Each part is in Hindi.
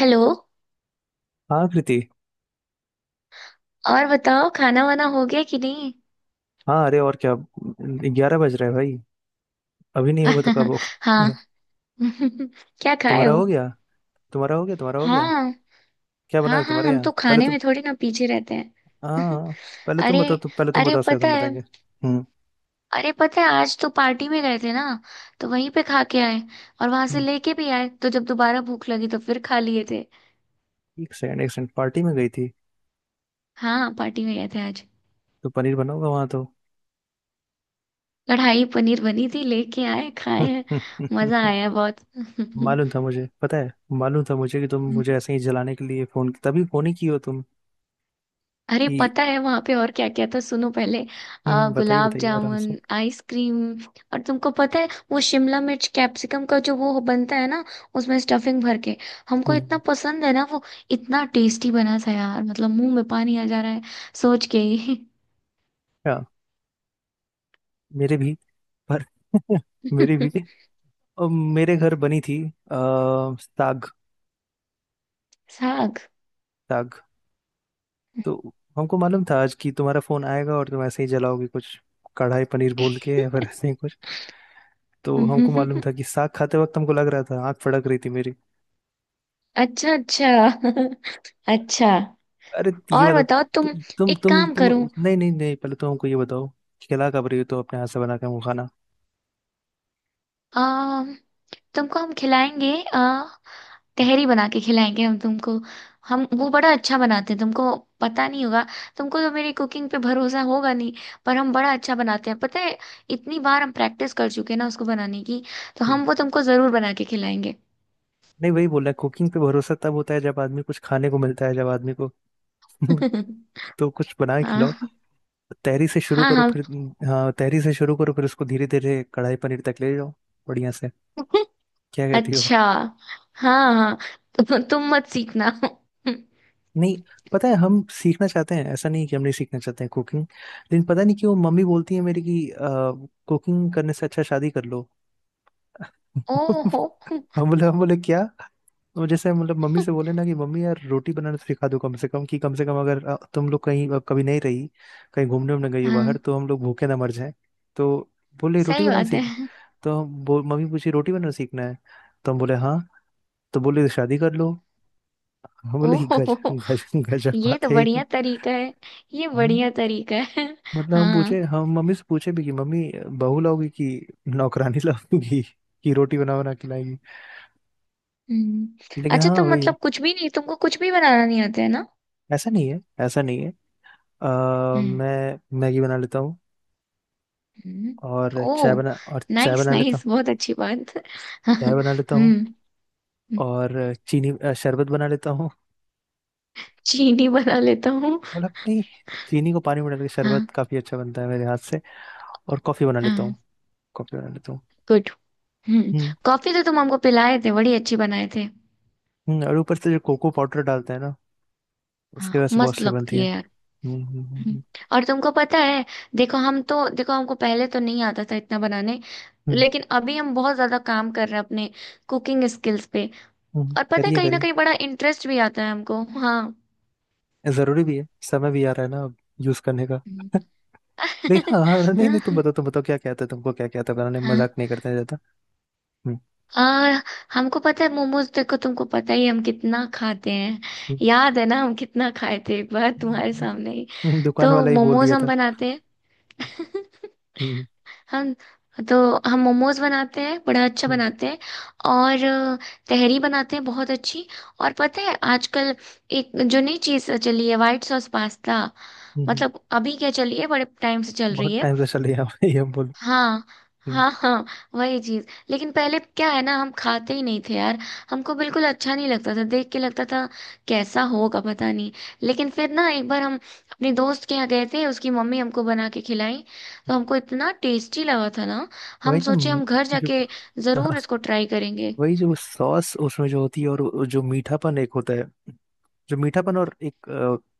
हेलो। हाँ कृति। और बताओ खाना वाना हो गया कि नहीं। हाँ अरे और क्या। 11 बज रहे हैं भाई। अभी नहीं होगा तो कब हाँ। होगा? क्या खाए तुम्हारा हो? हो गया? तुम्हारा हो गया, तुम्हारा हो गया। हाँ क्या बना हाँ है हाँ, तुम्हारे हम तो यहाँ? पहले खाने तुम। में थोड़ी ना पीछे रहते हाँ हैं। हाँ। पहले तुम अरे, बताओ, तुम पहले तुम अरे बताओ, उसके बाद पता हम है, बताएंगे। हम्म। अरे पता है आज तो पार्टी में गए थे ना, तो वहीं पे खा के आए और वहां से हम्म, लेके भी आए, तो जब दोबारा भूख लगी तो फिर खा लिए थे। एक सेकंड एक सेकंड, पार्टी में गई थी? हाँ पार्टी में गए थे आज। तो पनीर बना होगा वहां तो। कढ़ाई पनीर बनी थी, लेके आए खाए, मजा आया बहुत। मालूम था मुझे, पता है। मालूम था मुझे कि तुम मुझे ऐसे ही जलाने के लिए फोन, तभी फोन ही की हो तुम। अरे कि पता है वहां पे और क्या क्या था, सुनो पहले। बताइए गुलाब बताइए आराम जामुन, से। आइसक्रीम। और तुमको पता है वो शिमला मिर्च कैप्सिकम का जो वो बनता है ना, उसमें स्टफिंग भर के, हमको इतना हम्म। पसंद है ना वो। इतना टेस्टी बना था यार, मतलब मुंह में पानी आ जा रहा है सोच के ही। क्या? मेरे भी। पर मेरी भी। मेरे घर बनी थी। आ, साग। साग। साग। तो हमको मालूम था आज कि तुम्हारा फोन आएगा और तुम ऐसे ही जलाओगे कुछ, कढ़ाई पनीर बोल के या फिर ऐसे ही कुछ। तो हमको मालूम था कि साग खाते वक्त हमको लग रहा था आंख फड़क रही थी मेरी। अच्छा अच्छा। अच्छा, अरे ये और बताओ बताओ तुम। तुम एक तुम काम तुम करो। नहीं नहीं नहीं, पहले तो हमको ये बताओ कि क्या कब रही हो तुम अपने हाथ से बना के हमको खाना? आ, तुमको हम खिलाएंगे, तहरी बना के खिलाएंगे हम तुमको। हम वो बड़ा अच्छा बनाते हैं, तुमको पता नहीं होगा। तुमको तो मेरी कुकिंग पे भरोसा होगा नहीं, पर हम बड़ा अच्छा बनाते हैं पता है। इतनी बार हम प्रैक्टिस कर चुके हैं ना उसको बनाने की, तो हम्म। हम वो तुमको जरूर बना के खिलाएंगे। नहीं वही बोल रहा, कुकिंग पे भरोसा तब होता है जब आदमी कुछ खाने को मिलता है, जब आदमी को तो कुछ बना के खिलाओ। हाँ तहरी से शुरू हाँ करो हाँ। फिर। हाँ तहरी से शुरू करो फिर उसको धीरे धीरे कढ़ाई पनीर तक ले जाओ, बढ़िया से। क्या कहती हो? अच्छा। हाँ हाँ, तुम मत सीखना। नहीं, पता है हम सीखना चाहते हैं, ऐसा नहीं कि हम नहीं सीखना चाहते हैं कुकिंग, लेकिन पता नहीं क्यों मम्मी बोलती है मेरी कि कुकिंग करने से अच्छा शादी कर लो। ओहो। हम बोले क्या, तो जैसे मतलब मम्मी से बोले ना कि मम्मी यार रोटी बनाना सिखा दो कम से कम, कि कम से कम अगर तुम लोग कहीं कभी नहीं रही कहीं घूमने उमने गई हो बाहर हाँ तो हम लोग भूखे ना मर जाए। तो बोले रोटी सही बनाना बात सीख। है। तो हम मम्मी पूछी रोटी बनाना सीखना है? तो हम बोले हाँ। तो बोले शादी कर लो। हम बोले गज ओहो, गज, गजब ये बात तो है ये तो। बढ़िया तरीका है, ये हम्म। बढ़िया तरीका है। मतलब हम पूछे, हाँ। हम मम्मी से पूछे भी कि मम्मी बहू लाओगी कि नौकरानी लाओगी कि रोटी बना बना खिलाएगी? हम्म। लेकिन अच्छा, हाँ तुम वही है। मतलब कुछ भी नहीं, तुमको कुछ भी बनाना नहीं आता है ना? ऐसा नहीं है, ऐसा नहीं है। हम्म मैं मैगी बना लेता हूँ। हम्म। और ओ, चाय बना, और चाय नाइस बना लेता हूँ। नाइस, बहुत अच्छी बात। चाय बना लेता हूँ। हम्म। और चीनी शरबत बना लेता हूँ। चीनी बना लेता हूँ? मतलब नहीं, चीनी को पानी में डाल के हाँ शरबत काफी अच्छा बनता है मेरे हाथ से। और कॉफी बना लेता हूँ। हाँ कॉफी बना लेता हूँ। गुड। हम्म। हम्म। कॉफी तो तुम हमको पिलाए थे, बड़ी अच्छी बनाए थे। और ऊपर से जो कोको पाउडर डालते हैं ना, उसके हाँ वजह से बहुत मस्त से बनती लगती है। है यार। हम्म, हम्म। और तुमको पता है, देखो हम तो, देखो हमको पहले तो नहीं आता था इतना बनाने, हम्म। लेकिन अभी हम बहुत ज्यादा काम कर रहे हैं अपने कुकिंग स्किल्स पे। और पता है करिए कहीं ना करिए। कहीं बड़ा इंटरेस्ट भी आता है हमको, हाँ। जरूरी भी है, समय भी आ रहा है ना अब यूज करने का। हम्म। लेकिन हाँ हाँ, नहीं नहीं, तुम बताओ तुम बताओ क्या क्या आता है तुमको, क्या क्या आता है बनाने में? हाँ। मजाक नहीं करते हैं ज्यादा। हम्म। आ, हमको पता है मोमोज, देखो तुमको पता ही है हम कितना खाते हैं। हम्म। याद है ना हम कितना खाए थे एक बार तुम्हारे सामने ही, दुकान तो वाला ही बोल मोमोज दिया हम था। बनाते हैं। हम्म। हम तो हम मोमोज बनाते हैं, बड़ा अच्छा हम्म। बनाते हैं। और तहरी बनाते हैं बहुत अच्छी। और पता है आजकल एक जो नई चीज़ चली है, वाइट सॉस पास्ता। हम्म। हम्म। मतलब अभी क्या चली है, बड़े टाइम से चल बहुत रही है। टाइम से चले यहाँ पे ये बोल। हाँ हम्म। हाँ हाँ वही चीज। लेकिन पहले क्या है ना, हम खाते ही नहीं थे यार। हमको बिल्कुल अच्छा नहीं लगता था, देख के लगता था कैसा होगा पता नहीं। लेकिन फिर ना एक बार हम अपने दोस्त के यहाँ गए थे, उसकी मम्मी हमको बना के खिलाई, तो हमको इतना टेस्टी लगा था ना। हम वही ना सोचे हम घर जो जाके जरूर इसको ट्राई करेंगे। वही जो सॉस उसमें जो होती है, और वो जो मीठापन एक होता है, जो मीठापन और एक कि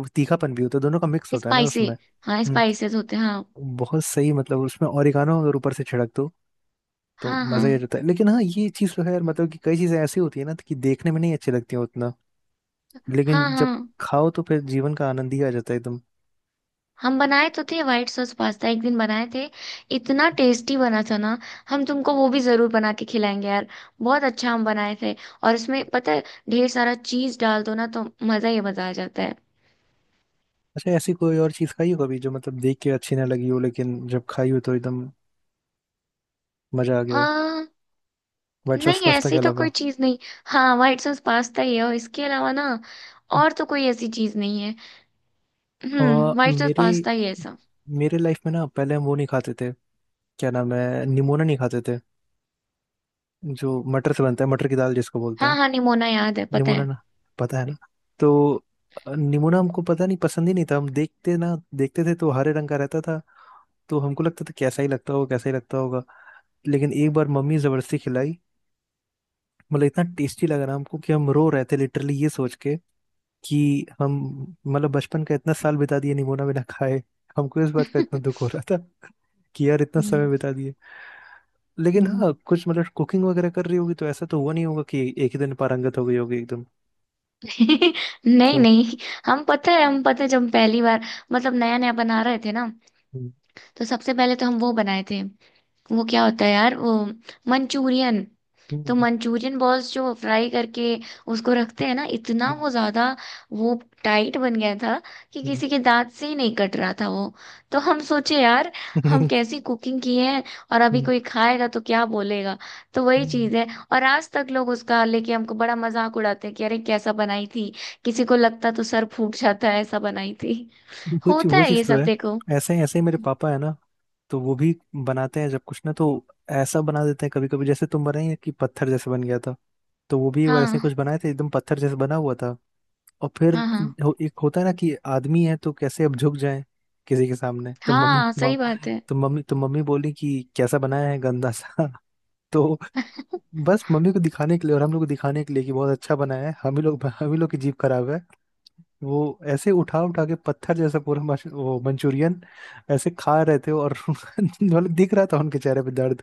वो तीखापन भी होता है, दोनों का मिक्स होता है ना स्पाइसी, उसमें। हाँ हम्म। स्पाइसेस होते हैं हाँ। बहुत सही, मतलब उसमें ओरिगानो अगर ऊपर से छिड़क दो तो हाँ हाँ मजा ही आ जाता है, लेकिन हाँ ये चीज तो है यार मतलब कि कई चीजें ऐसी होती है ना कि देखने में नहीं अच्छी लगती हैं उतना, लेकिन हाँ जब हाँ खाओ तो फिर जीवन का आनंद ही आ जाता है एकदम। हम बनाए तो थे व्हाइट सॉस पास्ता, एक दिन बनाए थे, इतना टेस्टी बना था ना। हम तुमको वो भी जरूर बना के खिलाएंगे यार, बहुत अच्छा हम बनाए थे। और उसमें पता है ढेर सारा चीज डाल दो ना, तो मजा ही मजा आ जाता है। अच्छा, ऐसी कोई और चीज खाई हो कभी जो मतलब देख के अच्छी ना लगी हो लेकिन जब खाई हो तो एकदम मजा आ गया हो? आ, व्हाइट सॉस नहीं, पास्ता के ऐसी तो कोई अलावा। चीज नहीं। हाँ व्हाइट सॉस पास्ता ही है, और इसके अलावा ना और तो कोई ऐसी चीज नहीं है। और व्हाइट सॉस मेरे, पास्ता ही है ऐसा। मेरे लाइफ में ना पहले हम वो नहीं खाते थे, क्या नाम है, निमोना नहीं खाते थे जो मटर से बनता है, मटर की दाल जिसको बोलते हाँ हैं हाँ निमोना याद है, पता निमोना है। ना, पता है ना? तो निमोना हमको पता नहीं पसंद ही नहीं था। हम देखते ना देखते थे तो हरे रंग का रहता था तो हमको लगता था कैसा ही लगता होगा, कैसा ही लगता होगा। लेकिन एक बार मम्मी जबरदस्ती खिलाई, मतलब इतना टेस्टी लग रहा हमको कि हम रो रहे थे लिटरली ये सोच के कि हम, मतलब बचपन का इतना साल बिता दिए निमोना बिना खाए। हमको इस बात का इतना दुख हो रहा था कि यार इतना समय हम्म बिता दिए। लेकिन हम्म। हाँ कुछ मतलब कुकिंग वगैरह कर रही होगी तो ऐसा तो हुआ नहीं होगा कि एक ही दिन पारंगत हो गई होगी एकदम। नहीं क्यों? नहीं हम पता है जब पहली बार, मतलब नया नया बना रहे थे ना, हम्म। तो सबसे पहले तो हम वो बनाए थे। वो क्या होता है यार वो, मंचूरियन। हम्म। तो हम्म। मंचूरियन बॉल्स जो फ्राई करके उसको रखते हैं ना, इतना हम्म। वो ज्यादा, वो टाइट बन गया था कि हम्म। किसी के दांत से ही नहीं कट रहा था वो। तो हम सोचे यार हम कैसी कुकिंग की है, और अभी कोई खाएगा तो क्या बोलेगा। तो वही चीज है, और आज तक लोग उसका लेके हमको बड़ा मजाक उड़ाते हैं कि अरे कैसा बनाई थी, किसी को लगता तो सर फूट जाता है, ऐसा बनाई थी। होता वो है चीज ये तो सब है। देखो। ऐसे ही मेरे पापा है ना, तो वो भी बनाते हैं जब कुछ ना, तो ऐसा बना देते हैं कभी कभी, जैसे तुम बनाए कि पत्थर जैसे बन गया था। तो वो भी एक बार ऐसे कुछ हाँ बनाए थे एकदम पत्थर जैसे बना हुआ था, और फिर हाँ हाँ एक होता है ना कि आदमी है तो कैसे अब झुक जाए किसी के सामने, तो मम्मी हाँ सही बात है। तो मम्मी, तो मम्मी बोली कि कैसा बनाया है गंदा सा। तो बस मम्मी को दिखाने के लिए और हम लोग को दिखाने के लिए कि बहुत अच्छा बनाया है, हम ही लोग, हम ही लोग की जीभ खराब है। वो ऐसे उठा उठा के पत्थर जैसा पूरा वो मंचूरियन ऐसे खा रहे थे, और मतलब दिख रहा था उनके चेहरे पे दर्द,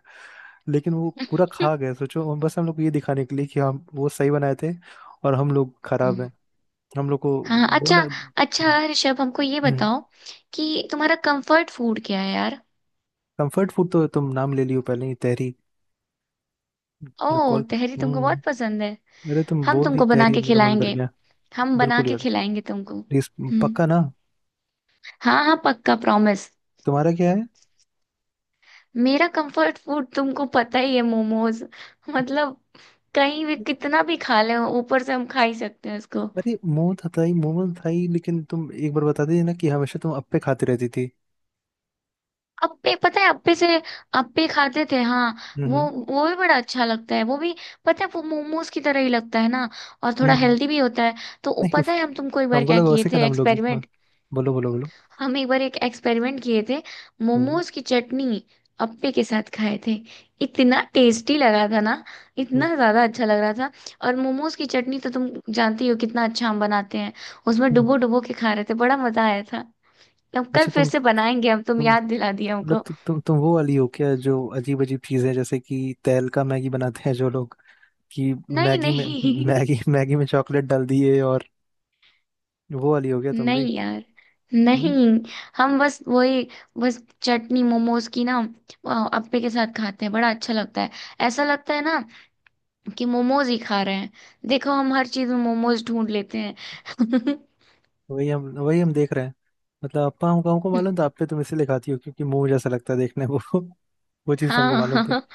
लेकिन वो पूरा खा गए सोचो, और बस हम लोग को ये दिखाने के लिए कि हम वो सही बनाए थे और हम लोग खराब हैं। हम लोग को हाँ। अच्छा बोले। अच्छा ऋषभ, हमको ये बताओ कि तुम्हारा कंफर्ट फूड क्या है यार। कंफर्ट फूड तो तुम नाम ले लियो पहले ही, तहरी। जो ओह, कॉल। तहरी तुमको बहुत हम्म। पसंद है। अरे तुम हम बोल दी तुमको बना तहरी, के मेरा मन कर खिलाएंगे, गया। हम बना बिल्कुल के यार, खिलाएंगे तुमको। प्लीज। हम्म। पक्का ना? हाँ हाँ पक्का प्रॉमिस। तुम्हारा क्या है? मेरा कंफर्ट फूड तुमको पता ही है, मोमोज। मतलब कहीं भी कितना भी खा ले, ऊपर से हम खा ही सकते हैं उसको। अरे मोमो था ही मोमो, था ही, लेकिन तुम एक बार बता दीजिए ना कि हमेशा तुम अप्पे खाती रहती थी। अप्पे, पता है अप्पे से, अप्पे खाते थे हाँ। हम्म। वो भी बड़ा अच्छा लगता है वो भी। पता है वो मोमोज की तरह ही लगता है ना, और हम्म। थोड़ा हम्म। हेल्दी भी होता है। तो वो नहीं, पता है, हम तुमको एक बार हमको क्या लगा किए उसी का थे नाम लोगी हाँ। एक्सपेरिमेंट। बोलो बोलो बोलो। हम एक बार एक एक्सपेरिमेंट किए थे, हम्म। मोमोज की चटनी अप्पे के साथ खाए थे। इतना टेस्टी लगा था ना, हम्म। इतना ज्यादा अच्छा लग रहा था। और मोमोज की चटनी तो तुम जानती हो कितना अच्छा हम बनाते हैं। उसमें हम्म। डुबो डुबो के खा रहे थे, बड़ा मजा आया था। अब कल अच्छा फिर तुम से बनाएंगे हम, तुम तुम याद दिला दिया मतलब हमको। तुम वो वाली हो क्या जो अजीब अजीब चीजें जैसे कि तेल का मैगी बनाते हैं जो लोग, कि नहीं मैगी में, नहीं। मैगी, मैगी में चॉकलेट डाल दिए और वो वाली हो गया तुम नहीं भी? यार, नहीं। हम्म। हम बस वही, बस चटनी मोमोज की ना अप्पे के साथ खाते हैं, बड़ा अच्छा लगता है। ऐसा लगता है ना कि मोमोज ही खा रहे हैं। देखो हम हर चीज में मोमोज ढूंढ लेते हैं। वही हम देख रहे हैं। मतलब अप्पा, हमको हमको मालूम था अप्पे तुम इसीलिए खाती हो क्योंकि मुंह जैसा लगता है देखने को। वो चीज हमको हाँ मालूम थी। हाँ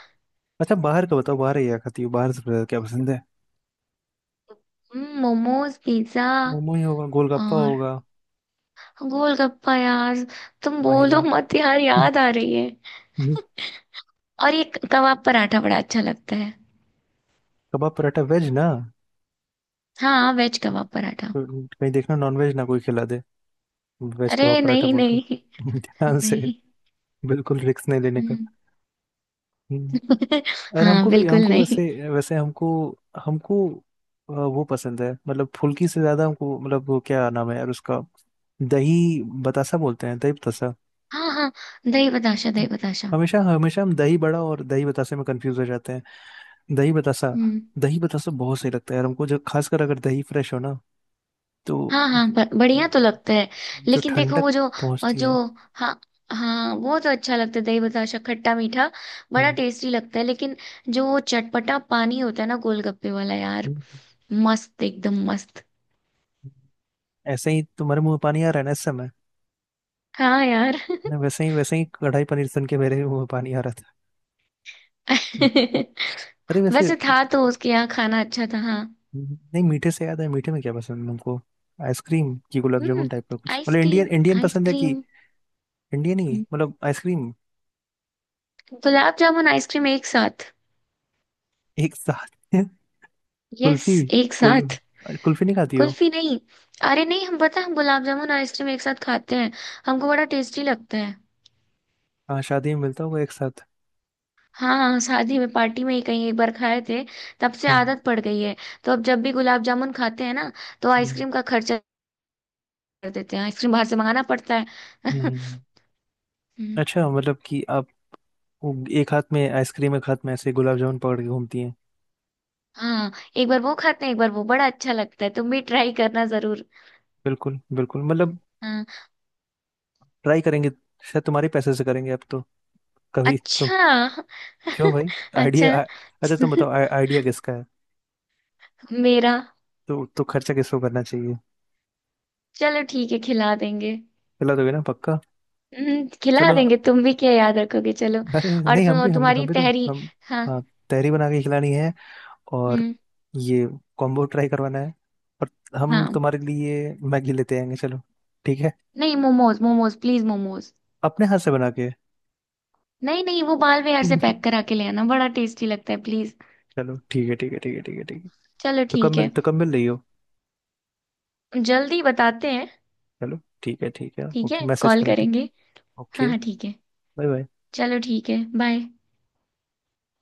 अच्छा, बाहर का बताओ, बाहर क्या खाती हो, बाहर सबसे ज्यादा क्या पसंद है? मोमोज, पिज्जा, मोमो ही होगा, गोलगप्पा और होगा। गोलगप्पा। यार तुम बोलो महिला। मत यार, याद आ रही है। और ये कबाब पराठा बड़ा अच्छा लगता है। कबाब पराठा, वेज ना? हाँ वेज कबाब पराठा। कोई- कहीं देखना नॉन वेज ना कोई खिला दे वेज कबाब अरे पराठा नहीं बोल के। नहीं ध्यान से। नहीं। बिल्कुल रिस्क नहीं लेने का। हम्म। हम्म। और हाँ हमको भी, बिल्कुल हमको नहीं। वैसे वैसे हमको, हमको वो पसंद है, मतलब फुल्की से ज्यादा हमको, मतलब वो क्या नाम है यार उसका, दही बतासा बोलते हैं, दही बतासा। हाँ हाँ, दही बताशा दही बताशा। हमेशा हमेशा हम दही बड़ा और दही बतासे में कंफ्यूज हो जाते हैं। दही बतासा। हम्म। दही बतासा बहुत सही लगता है यार हमको, जब खासकर अगर दही फ्रेश हो ना, तो हाँ हाँ, जो, बढ़िया जो, तो लगता है। जो लेकिन देखो ठंडक वो जो, और पहुंचती जो, है। हाँ हाँ वो तो अच्छा लगता है, दही बताशा खट्टा मीठा बड़ा हम्म। टेस्टी लगता है। लेकिन जो वो चटपटा पानी होता है ना गोलगप्पे वाला यार, हम्म। हम्म। मस्त एकदम मस्त। हम्म। ऐसे ही तुम्हारे मुंह में पानी आ रहा है ना इस समय? हाँ यार। नहीं, वैसे ही कढ़ाई पनीर सुन के मेरे भी मुंह में पानी आ रहा था। हम्म। अरे वैसे, वैसे था तो उसके यहाँ खाना अच्छा था हाँ। नहीं मीठे से याद है मीठे में क्या पसंद है हमको, आइसक्रीम की गुलाब हम्म। जामुन टाइप का कुछ मतलब, इंडियन आइसक्रीम, इंडियन पसंद है कि, आइसक्रीम। इंडियन ही हम्म, मतलब आइसक्रीम। गुलाब जामुन आइसक्रीम एक साथ। एक साथ। यस, कुल्फी। एक कुल साथ। कुल्फी नहीं खाती हो? कुल्फी नहीं। अरे नहीं, हम पता है, हम गुलाब जामुन आइसक्रीम एक साथ खाते हैं, हमको बड़ा टेस्टी लगता है। हाँ शादी में मिलता होगा एक साथ। हाँ हाँ, शादी में पार्टी में ही कहीं एक बार खाए थे, तब से हम्म। आदत पड़ गई है। तो अब जब भी गुलाब जामुन खाते हैं ना, तो हम्म। आइसक्रीम का खर्चा कर देते हैं, आइसक्रीम बाहर से मंगाना पड़ता है। हम्म, हम्म। अच्छा मतलब कि आप वो एक हाथ में आइसक्रीम एक हाथ में ऐसे गुलाब जामुन पकड़ के घूमती हैं। हाँ एक बार वो खाते हैं एक बार वो, बड़ा अच्छा लगता है, तुम भी ट्राई करना जरूर। बिल्कुल बिल्कुल मतलब हाँ। ट्राई करेंगे, शायद तुम्हारे पैसे से करेंगे अब तो। कभी तो। अच्छा। क्यों भाई? अच्छा। आइडिया। अच्छा तुम बताओ आइडिया किसका है? मेरा। तो खर्चा किसको करना चाहिए? चलो ठीक है, खिला देंगे। खिला दोगे ना पक्का? खिला चलो। देंगे, तुम भी क्या याद रखोगे, चलो। अरे और नहीं हम तुम, भी हम भी हम तुम्हारी भी तो तहरी। हम, हाँ। हाँ, तहरी बना के खिलानी है, और हम्म। ये कॉम्बो ट्राई करवाना है, और हम हाँ, तुम्हारे लिए मैगी लेते आएंगे। चलो ठीक है। नहीं मोमोज, मोमोज प्लीज, मोमोज। अपने हाथ से बना के। नहीं नहीं, वो बाल विहार से पैक करा के ले आना, बड़ा टेस्टी लगता है, प्लीज। चलो ठीक है ठीक है ठीक है ठीक है ठीक है। चलो तो कब ठीक मिल, है। तो कब मिल रही हो? जल्दी बताते हैं। चलो ठीक है ठीक है। ठीक है ओके मैसेज कॉल करना, ठीक। करेंगे। हाँ ओके। हाँ ठीक है। Bye bye. चलो ठीक है, बाय।